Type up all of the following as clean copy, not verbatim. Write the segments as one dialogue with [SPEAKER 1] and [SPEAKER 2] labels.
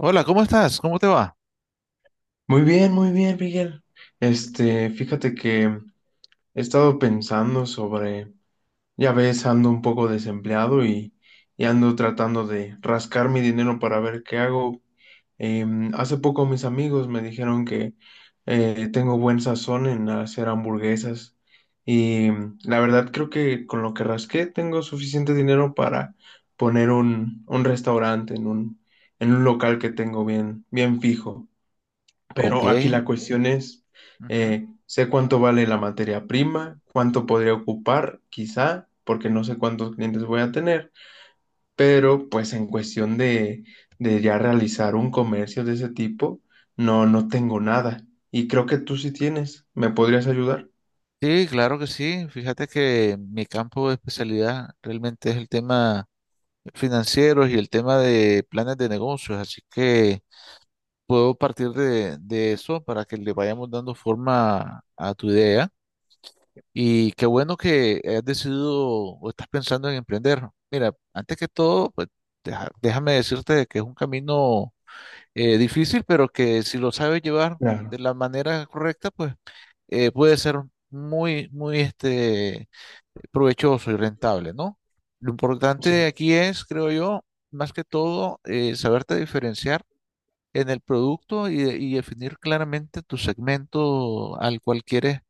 [SPEAKER 1] Hola, ¿cómo estás? ¿Cómo te va?
[SPEAKER 2] Muy bien, Miguel. Fíjate que he estado pensando sobre, ya ves, ando un poco desempleado y ando tratando de rascar mi dinero para ver qué hago. Hace poco mis amigos me dijeron que tengo buen sazón en hacer hamburguesas y la verdad creo que con lo que rasqué tengo suficiente dinero para poner un restaurante en un local que tengo bien, bien fijo.
[SPEAKER 1] Ok.
[SPEAKER 2] Pero aquí la cuestión es,
[SPEAKER 1] Ujú.
[SPEAKER 2] sé cuánto vale la materia prima, cuánto podría ocupar, quizá, porque no sé cuántos clientes voy a tener, pero pues en cuestión de ya realizar un comercio de ese tipo, no, no tengo nada. Y creo que tú sí tienes, ¿me podrías ayudar?
[SPEAKER 1] Sí, claro que sí. Fíjate que mi campo de especialidad realmente es el tema financiero y el tema de planes de negocios, así que puedo partir de eso para que le vayamos dando forma a tu idea. Y qué bueno que has decidido o estás pensando en emprender. Mira, antes que todo, pues déjame decirte que es un camino difícil, pero que si lo sabes llevar
[SPEAKER 2] Claro,
[SPEAKER 1] de la manera correcta, pues puede ser muy, muy provechoso y rentable, ¿no? Lo importante
[SPEAKER 2] sí,
[SPEAKER 1] aquí es, creo yo, más que todo, saberte diferenciar en el producto y, y definir claramente tu segmento al cual quieres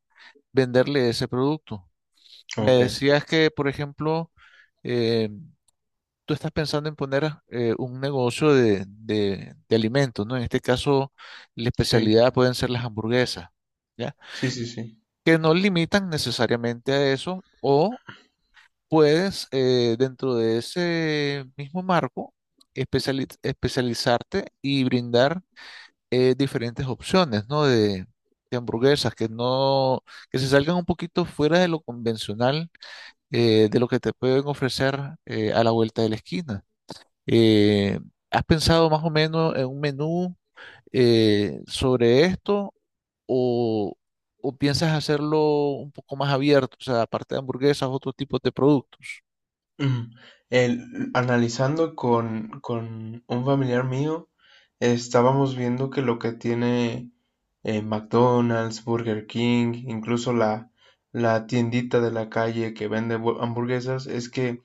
[SPEAKER 1] venderle ese producto. Me
[SPEAKER 2] ok,
[SPEAKER 1] decías que, por ejemplo, em, tú estás pensando en poner un negocio de, de alimentos, ¿no? En este caso, la
[SPEAKER 2] sí,
[SPEAKER 1] especialidad pueden ser las hamburguesas, ¿ya?
[SPEAKER 2] sí, sí, sí.
[SPEAKER 1] Que no limitan necesariamente a eso, o puedes, dentro de ese mismo marco, especializarte y brindar diferentes opciones, ¿no? De hamburguesas que no, que se salgan un poquito fuera de lo convencional, de lo que te pueden ofrecer a la vuelta de la esquina. Eh, ¿Has pensado más o menos en un menú sobre esto o, o piensas hacerlo un poco más abierto, o sea, aparte de hamburguesas, otro tipo de productos?
[SPEAKER 2] Ujú. Analizando con un familiar mío, estábamos viendo que lo que tiene McDonald's, Burger King, incluso la tiendita de la calle que vende hamburguesas, es que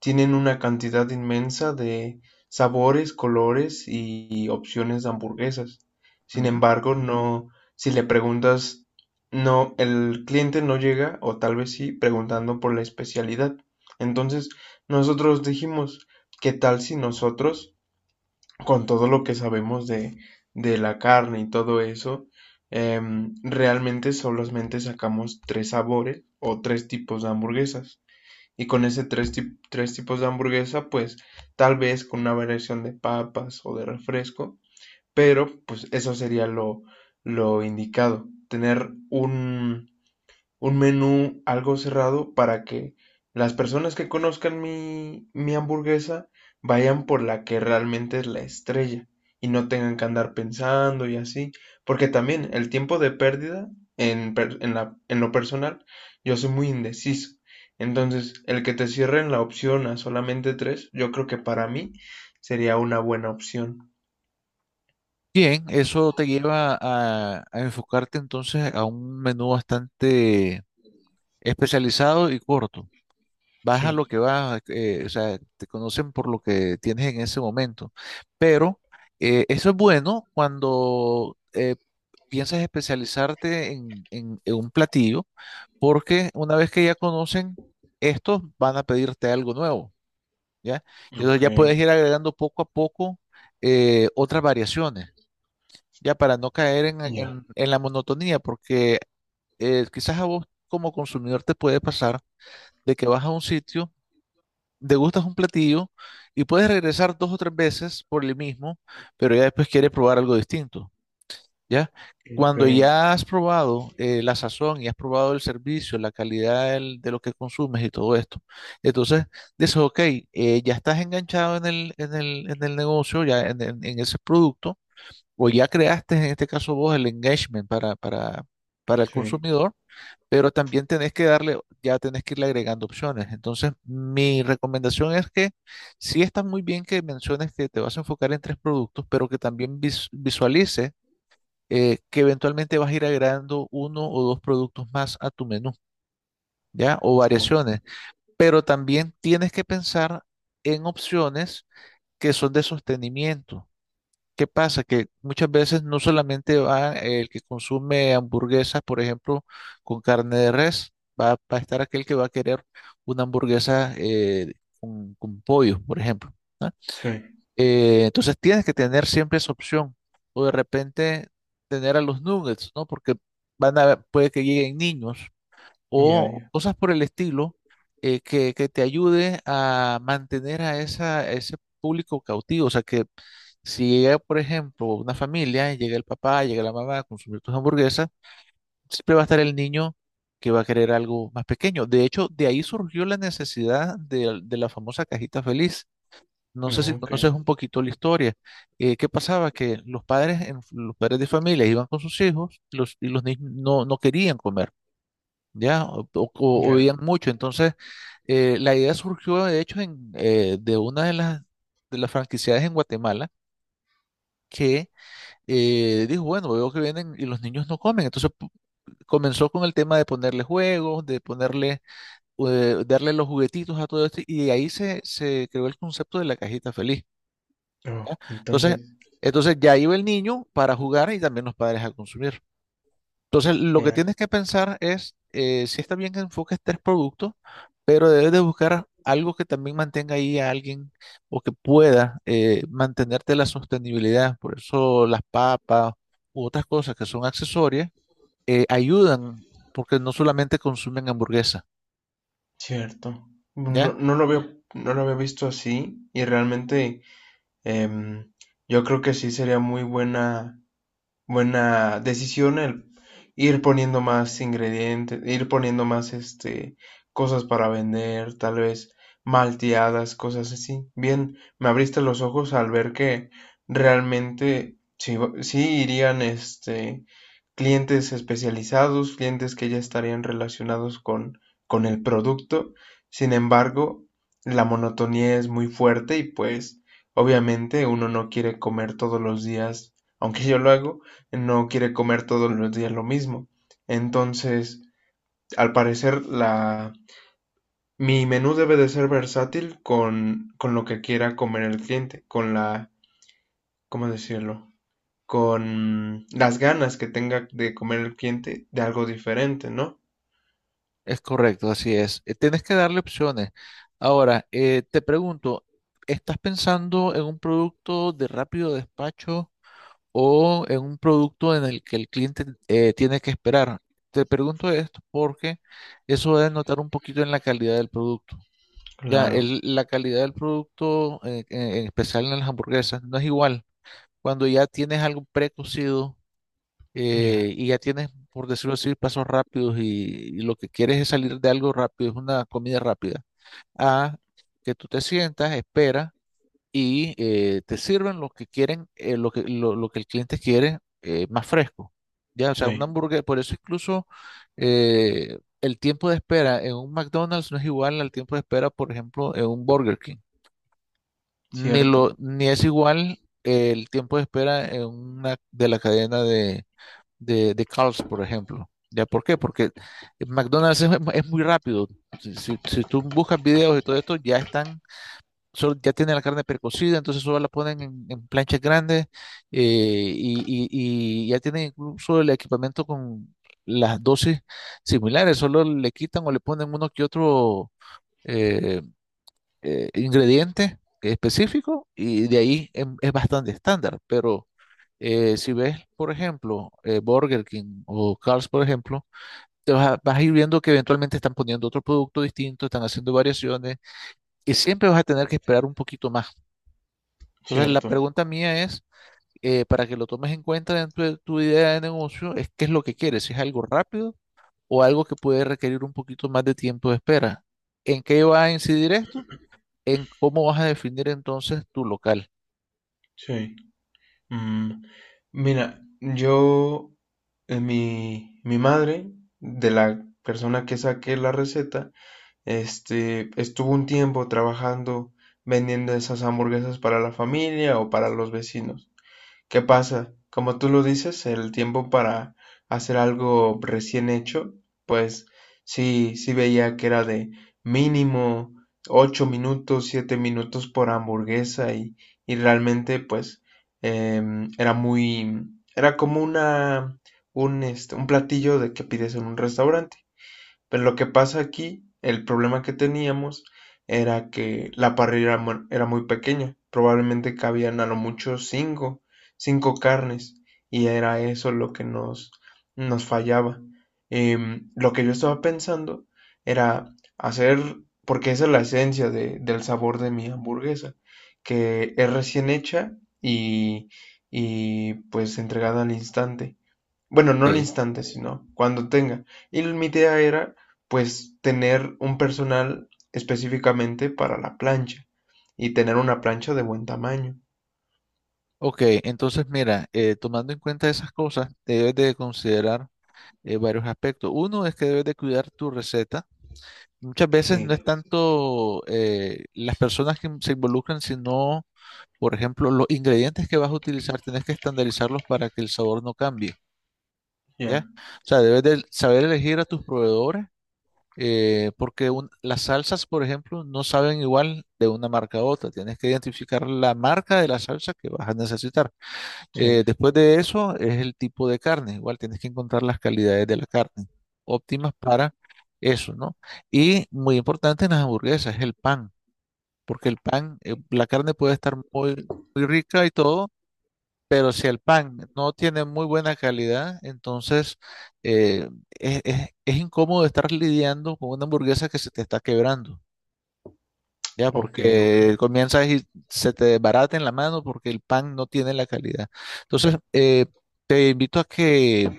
[SPEAKER 2] tienen una cantidad inmensa de sabores, colores y opciones de hamburguesas. Sin
[SPEAKER 1] Ujú.
[SPEAKER 2] embargo, no, si le preguntas, no, el cliente no llega, o tal vez sí, preguntando por la especialidad. Entonces, nosotros dijimos, ¿qué tal si nosotros, con todo lo que sabemos de la carne y todo eso, realmente solamente sacamos tres sabores o tres tipos de hamburguesas? Y con ese tres tipos de hamburguesa, pues tal vez con una variación de papas o de refresco, pero pues eso sería lo indicado, tener un menú algo cerrado para que las personas que conozcan mi hamburguesa vayan por la que realmente es la estrella y no tengan que andar pensando y así, porque también el tiempo de pérdida en lo personal, yo soy muy indeciso. Entonces, el que te cierren la opción a solamente tres, yo creo que para mí sería una buena opción.
[SPEAKER 1] Bien, eso te lleva a enfocarte entonces a un menú bastante especializado y corto. Vas a
[SPEAKER 2] Sí,
[SPEAKER 1] lo que vas, o sea, te conocen por lo que tienes en ese momento. Pero eso es bueno cuando piensas especializarte en, en un platillo, porque una vez que ya conocen estos, van a pedirte algo nuevo, ¿ya? Y entonces
[SPEAKER 2] ok,
[SPEAKER 1] ya puedes ir agregando poco a poco otras variaciones, ya para no caer en,
[SPEAKER 2] ya,
[SPEAKER 1] en la monotonía, porque quizás a vos como consumidor te puede pasar de que vas a un sitio, degustas un platillo y puedes regresar dos o tres veces por el mismo, pero ya después quieres probar algo distinto. ¿Ya?
[SPEAKER 2] ok,
[SPEAKER 1] Cuando ya has probado la sazón y has probado el servicio, la calidad de lo que consumes y todo esto, entonces dices, ok, ya estás enganchado en el, en el, en el negocio, ya en, en ese producto, o ya creaste en este caso vos el engagement para el
[SPEAKER 2] sí,
[SPEAKER 1] consumidor, pero también tenés que darle, ya tenés que irle agregando opciones. Entonces, mi recomendación es que sí está muy bien que menciones que te vas a enfocar en tres productos, pero que también visualices que eventualmente vas a ir agregando uno o dos productos más a tu menú, ¿ya? O
[SPEAKER 2] ah,
[SPEAKER 1] variaciones. Pero también tienes que pensar en opciones que son de sostenimiento. ¿Qué pasa? Que muchas veces no solamente va el que consume hamburguesas, por ejemplo, con carne de res, va, va a estar aquel que va a querer una hamburguesa con pollo, por ejemplo. ¿No?
[SPEAKER 2] sí,
[SPEAKER 1] Entonces tienes que tener siempre esa opción. O de repente tener a los nuggets, ¿no? Porque van a, puede que lleguen niños
[SPEAKER 2] ya,
[SPEAKER 1] o
[SPEAKER 2] ya,
[SPEAKER 1] cosas por el estilo que te ayude a mantener a, esa, a ese público cautivo. O sea que si llega, por ejemplo, una familia, llega el papá, llega la mamá a consumir tus hamburguesas, siempre va a estar el niño que va a querer algo más pequeño. De hecho, de ahí surgió la necesidad de la famosa cajita feliz. No sé si
[SPEAKER 2] no, ok,
[SPEAKER 1] conoces un poquito la historia. ¿Qué pasaba? Que los padres, los padres de familia iban con sus hijos y los niños no, no querían comer, ¿ya? O, o
[SPEAKER 2] ya.
[SPEAKER 1] veían mucho. Entonces, la idea surgió, de hecho, en, de una de las franquiciadas en Guatemala que dijo, bueno, veo que vienen y los niños no comen. Entonces, comenzó con el tema de ponerle juegos, de ponerle, darle los juguetitos a todo esto y de ahí se, se creó el concepto de la cajita feliz.
[SPEAKER 2] Oh,
[SPEAKER 1] ¿Ya? Entonces,
[SPEAKER 2] entonces,
[SPEAKER 1] entonces ya iba el niño para jugar y también los padres a consumir. Entonces, lo que
[SPEAKER 2] sea
[SPEAKER 1] tienes que pensar es, si está bien que enfoques tres productos, pero debes de buscar algo que también mantenga ahí a alguien o que pueda mantenerte la sostenibilidad. Por eso las papas u otras cosas que son accesorias ayudan porque no solamente consumen hamburguesa,
[SPEAKER 2] cierto. No,
[SPEAKER 1] ¿ya?
[SPEAKER 2] no lo había, no lo había visto así y realmente em, yo creo que sí sería muy buena decisión el ir poniendo más ingredientes, ir poniendo más cosas para vender, tal vez malteadas, cosas así. Bien, me abriste los ojos al ver que realmente sí, sí irían clientes especializados, clientes que ya estarían relacionados con el producto. Sin embargo, la monotonía es muy fuerte y pues obviamente uno no quiere comer todos los días, aunque yo lo hago, no quiere comer todos los días lo mismo. Entonces, al parecer, la, mi menú debe de ser versátil con lo que quiera comer el cliente, con la, ¿cómo decirlo? Con las ganas que tenga de comer el cliente de algo diferente, ¿no?
[SPEAKER 1] Es correcto, así es. Tienes que darle opciones. Ahora, te pregunto, ¿estás pensando en un producto de rápido despacho o en un producto en el que el cliente tiene que esperar? Te pregunto esto porque eso debe notar un poquito en la calidad del producto. Ya,
[SPEAKER 2] Claro,
[SPEAKER 1] la calidad del producto, en especial en las hamburguesas, no es igual. Cuando ya tienes algo precocido
[SPEAKER 2] ya,
[SPEAKER 1] y ya tienes, por decirlo así, pasos rápidos y lo que quieres es salir de algo rápido, es una comida rápida, a que tú te sientas, esperas y te sirven lo que quieren, lo que el cliente quiere más fresco. Ya, o sea, una
[SPEAKER 2] sí,
[SPEAKER 1] hamburguesa, por eso incluso el tiempo de espera en un McDonald's no es igual al tiempo de espera, por ejemplo, en un Burger King. Ni
[SPEAKER 2] cierto,
[SPEAKER 1] lo, ni es igual el tiempo de espera en una de la cadena de Carl's, por ejemplo. ¿Ya por qué? Porque McDonald's es muy rápido. Si, si tú buscas videos y todo esto, ya están, ya tienen la carne precocida, entonces solo la ponen en planchas grandes y, y ya tienen incluso el equipamiento con las dosis similares, solo le quitan o le ponen uno que otro eh, ingrediente específico y de ahí es bastante estándar, pero... si ves, por ejemplo, Burger King o Carl's, por ejemplo, te vas a, vas a ir viendo que eventualmente están poniendo otro producto distinto, están haciendo variaciones y siempre vas a tener que esperar un poquito más. Entonces, la
[SPEAKER 2] cierto,
[SPEAKER 1] pregunta mía es, para que lo tomes en cuenta dentro de tu idea de negocio, es qué es lo que quieres, si es algo rápido o algo que puede requerir un poquito más de tiempo de espera. ¿En qué va a incidir esto? En cómo vas a definir entonces tu local.
[SPEAKER 2] sí. Mm, Mira, mi madre, de la persona que saqué la receta, estuvo un tiempo trabajando vendiendo esas hamburguesas para la familia o para los vecinos. ¿Qué pasa? Como tú lo dices, el tiempo para hacer algo recién hecho, pues sí, sí veía que era de mínimo 8 minutos, 7 minutos por hamburguesa y realmente pues em, era muy, era como un platillo de que pides en un restaurante. Pero lo que pasa aquí, el problema que teníamos era que la parrilla era muy pequeña, probablemente cabían a lo mucho cinco carnes, y era eso lo que nos fallaba. Lo que yo estaba pensando era hacer, porque esa es la esencia de- del sabor de mi hamburguesa, que es recién hecha y, y pues entregada al instante. Bueno, no al
[SPEAKER 1] Eh,
[SPEAKER 2] instante, sino cuando tenga. Y mi idea era, pues, tener un personal específicamente para la plancha y tener una plancha de buen tamaño.
[SPEAKER 1] ok, entonces mira, tomando en cuenta esas cosas, debes de considerar varios aspectos. Uno es que debes de cuidar tu receta. Muchas veces
[SPEAKER 2] Sí,
[SPEAKER 1] no es tanto las personas que se involucran, sino, por ejemplo, los ingredientes que vas a utilizar, tienes que estandarizarlos para que el sabor no cambie,
[SPEAKER 2] ya,
[SPEAKER 1] ¿ya? O sea, debes de saber elegir a tus proveedores, porque las salsas, por ejemplo, no saben igual de una marca a otra. Tienes que identificar la marca de la salsa que vas a necesitar.
[SPEAKER 2] sí,
[SPEAKER 1] Después de eso es el tipo de carne. Igual tienes que encontrar las calidades de la carne óptimas para eso, ¿no? Y muy importante en las hamburguesas es el pan, porque el pan, la carne puede estar muy, muy rica y todo, pero si el pan no tiene muy buena calidad, entonces es, es incómodo estar lidiando con una hamburguesa que se te está quebrando. Ya,
[SPEAKER 2] ok, ok.
[SPEAKER 1] porque comienzas y se te desbarata en la mano porque el pan no tiene la calidad. Entonces, te invito a que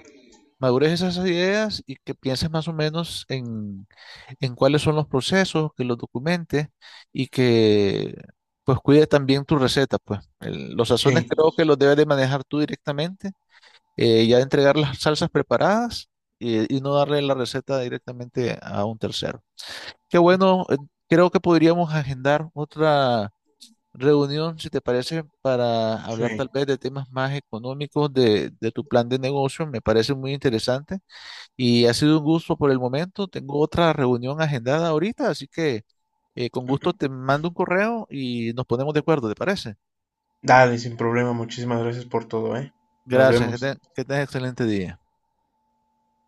[SPEAKER 1] madures esas ideas y que pienses más o menos en cuáles son los procesos, que los documentes y que pues cuide también tu receta, pues. Los
[SPEAKER 2] Sí,
[SPEAKER 1] sazones creo que los debes de manejar tú directamente, ya entregar las salsas preparadas y no darle la receta directamente a un tercero. Qué bueno, creo que podríamos agendar otra reunión, si te parece, para hablar tal
[SPEAKER 2] sí.
[SPEAKER 1] vez de temas más económicos de tu plan de negocio. Me parece muy interesante y ha sido un gusto por el momento. Tengo otra reunión agendada ahorita, así que con gusto te mando un correo y nos ponemos de acuerdo, ¿te parece?
[SPEAKER 2] Dale, sin problema. Muchísimas gracias por todo, ¿eh? Nos
[SPEAKER 1] Gracias, que,
[SPEAKER 2] vemos.
[SPEAKER 1] que tengas excelente día.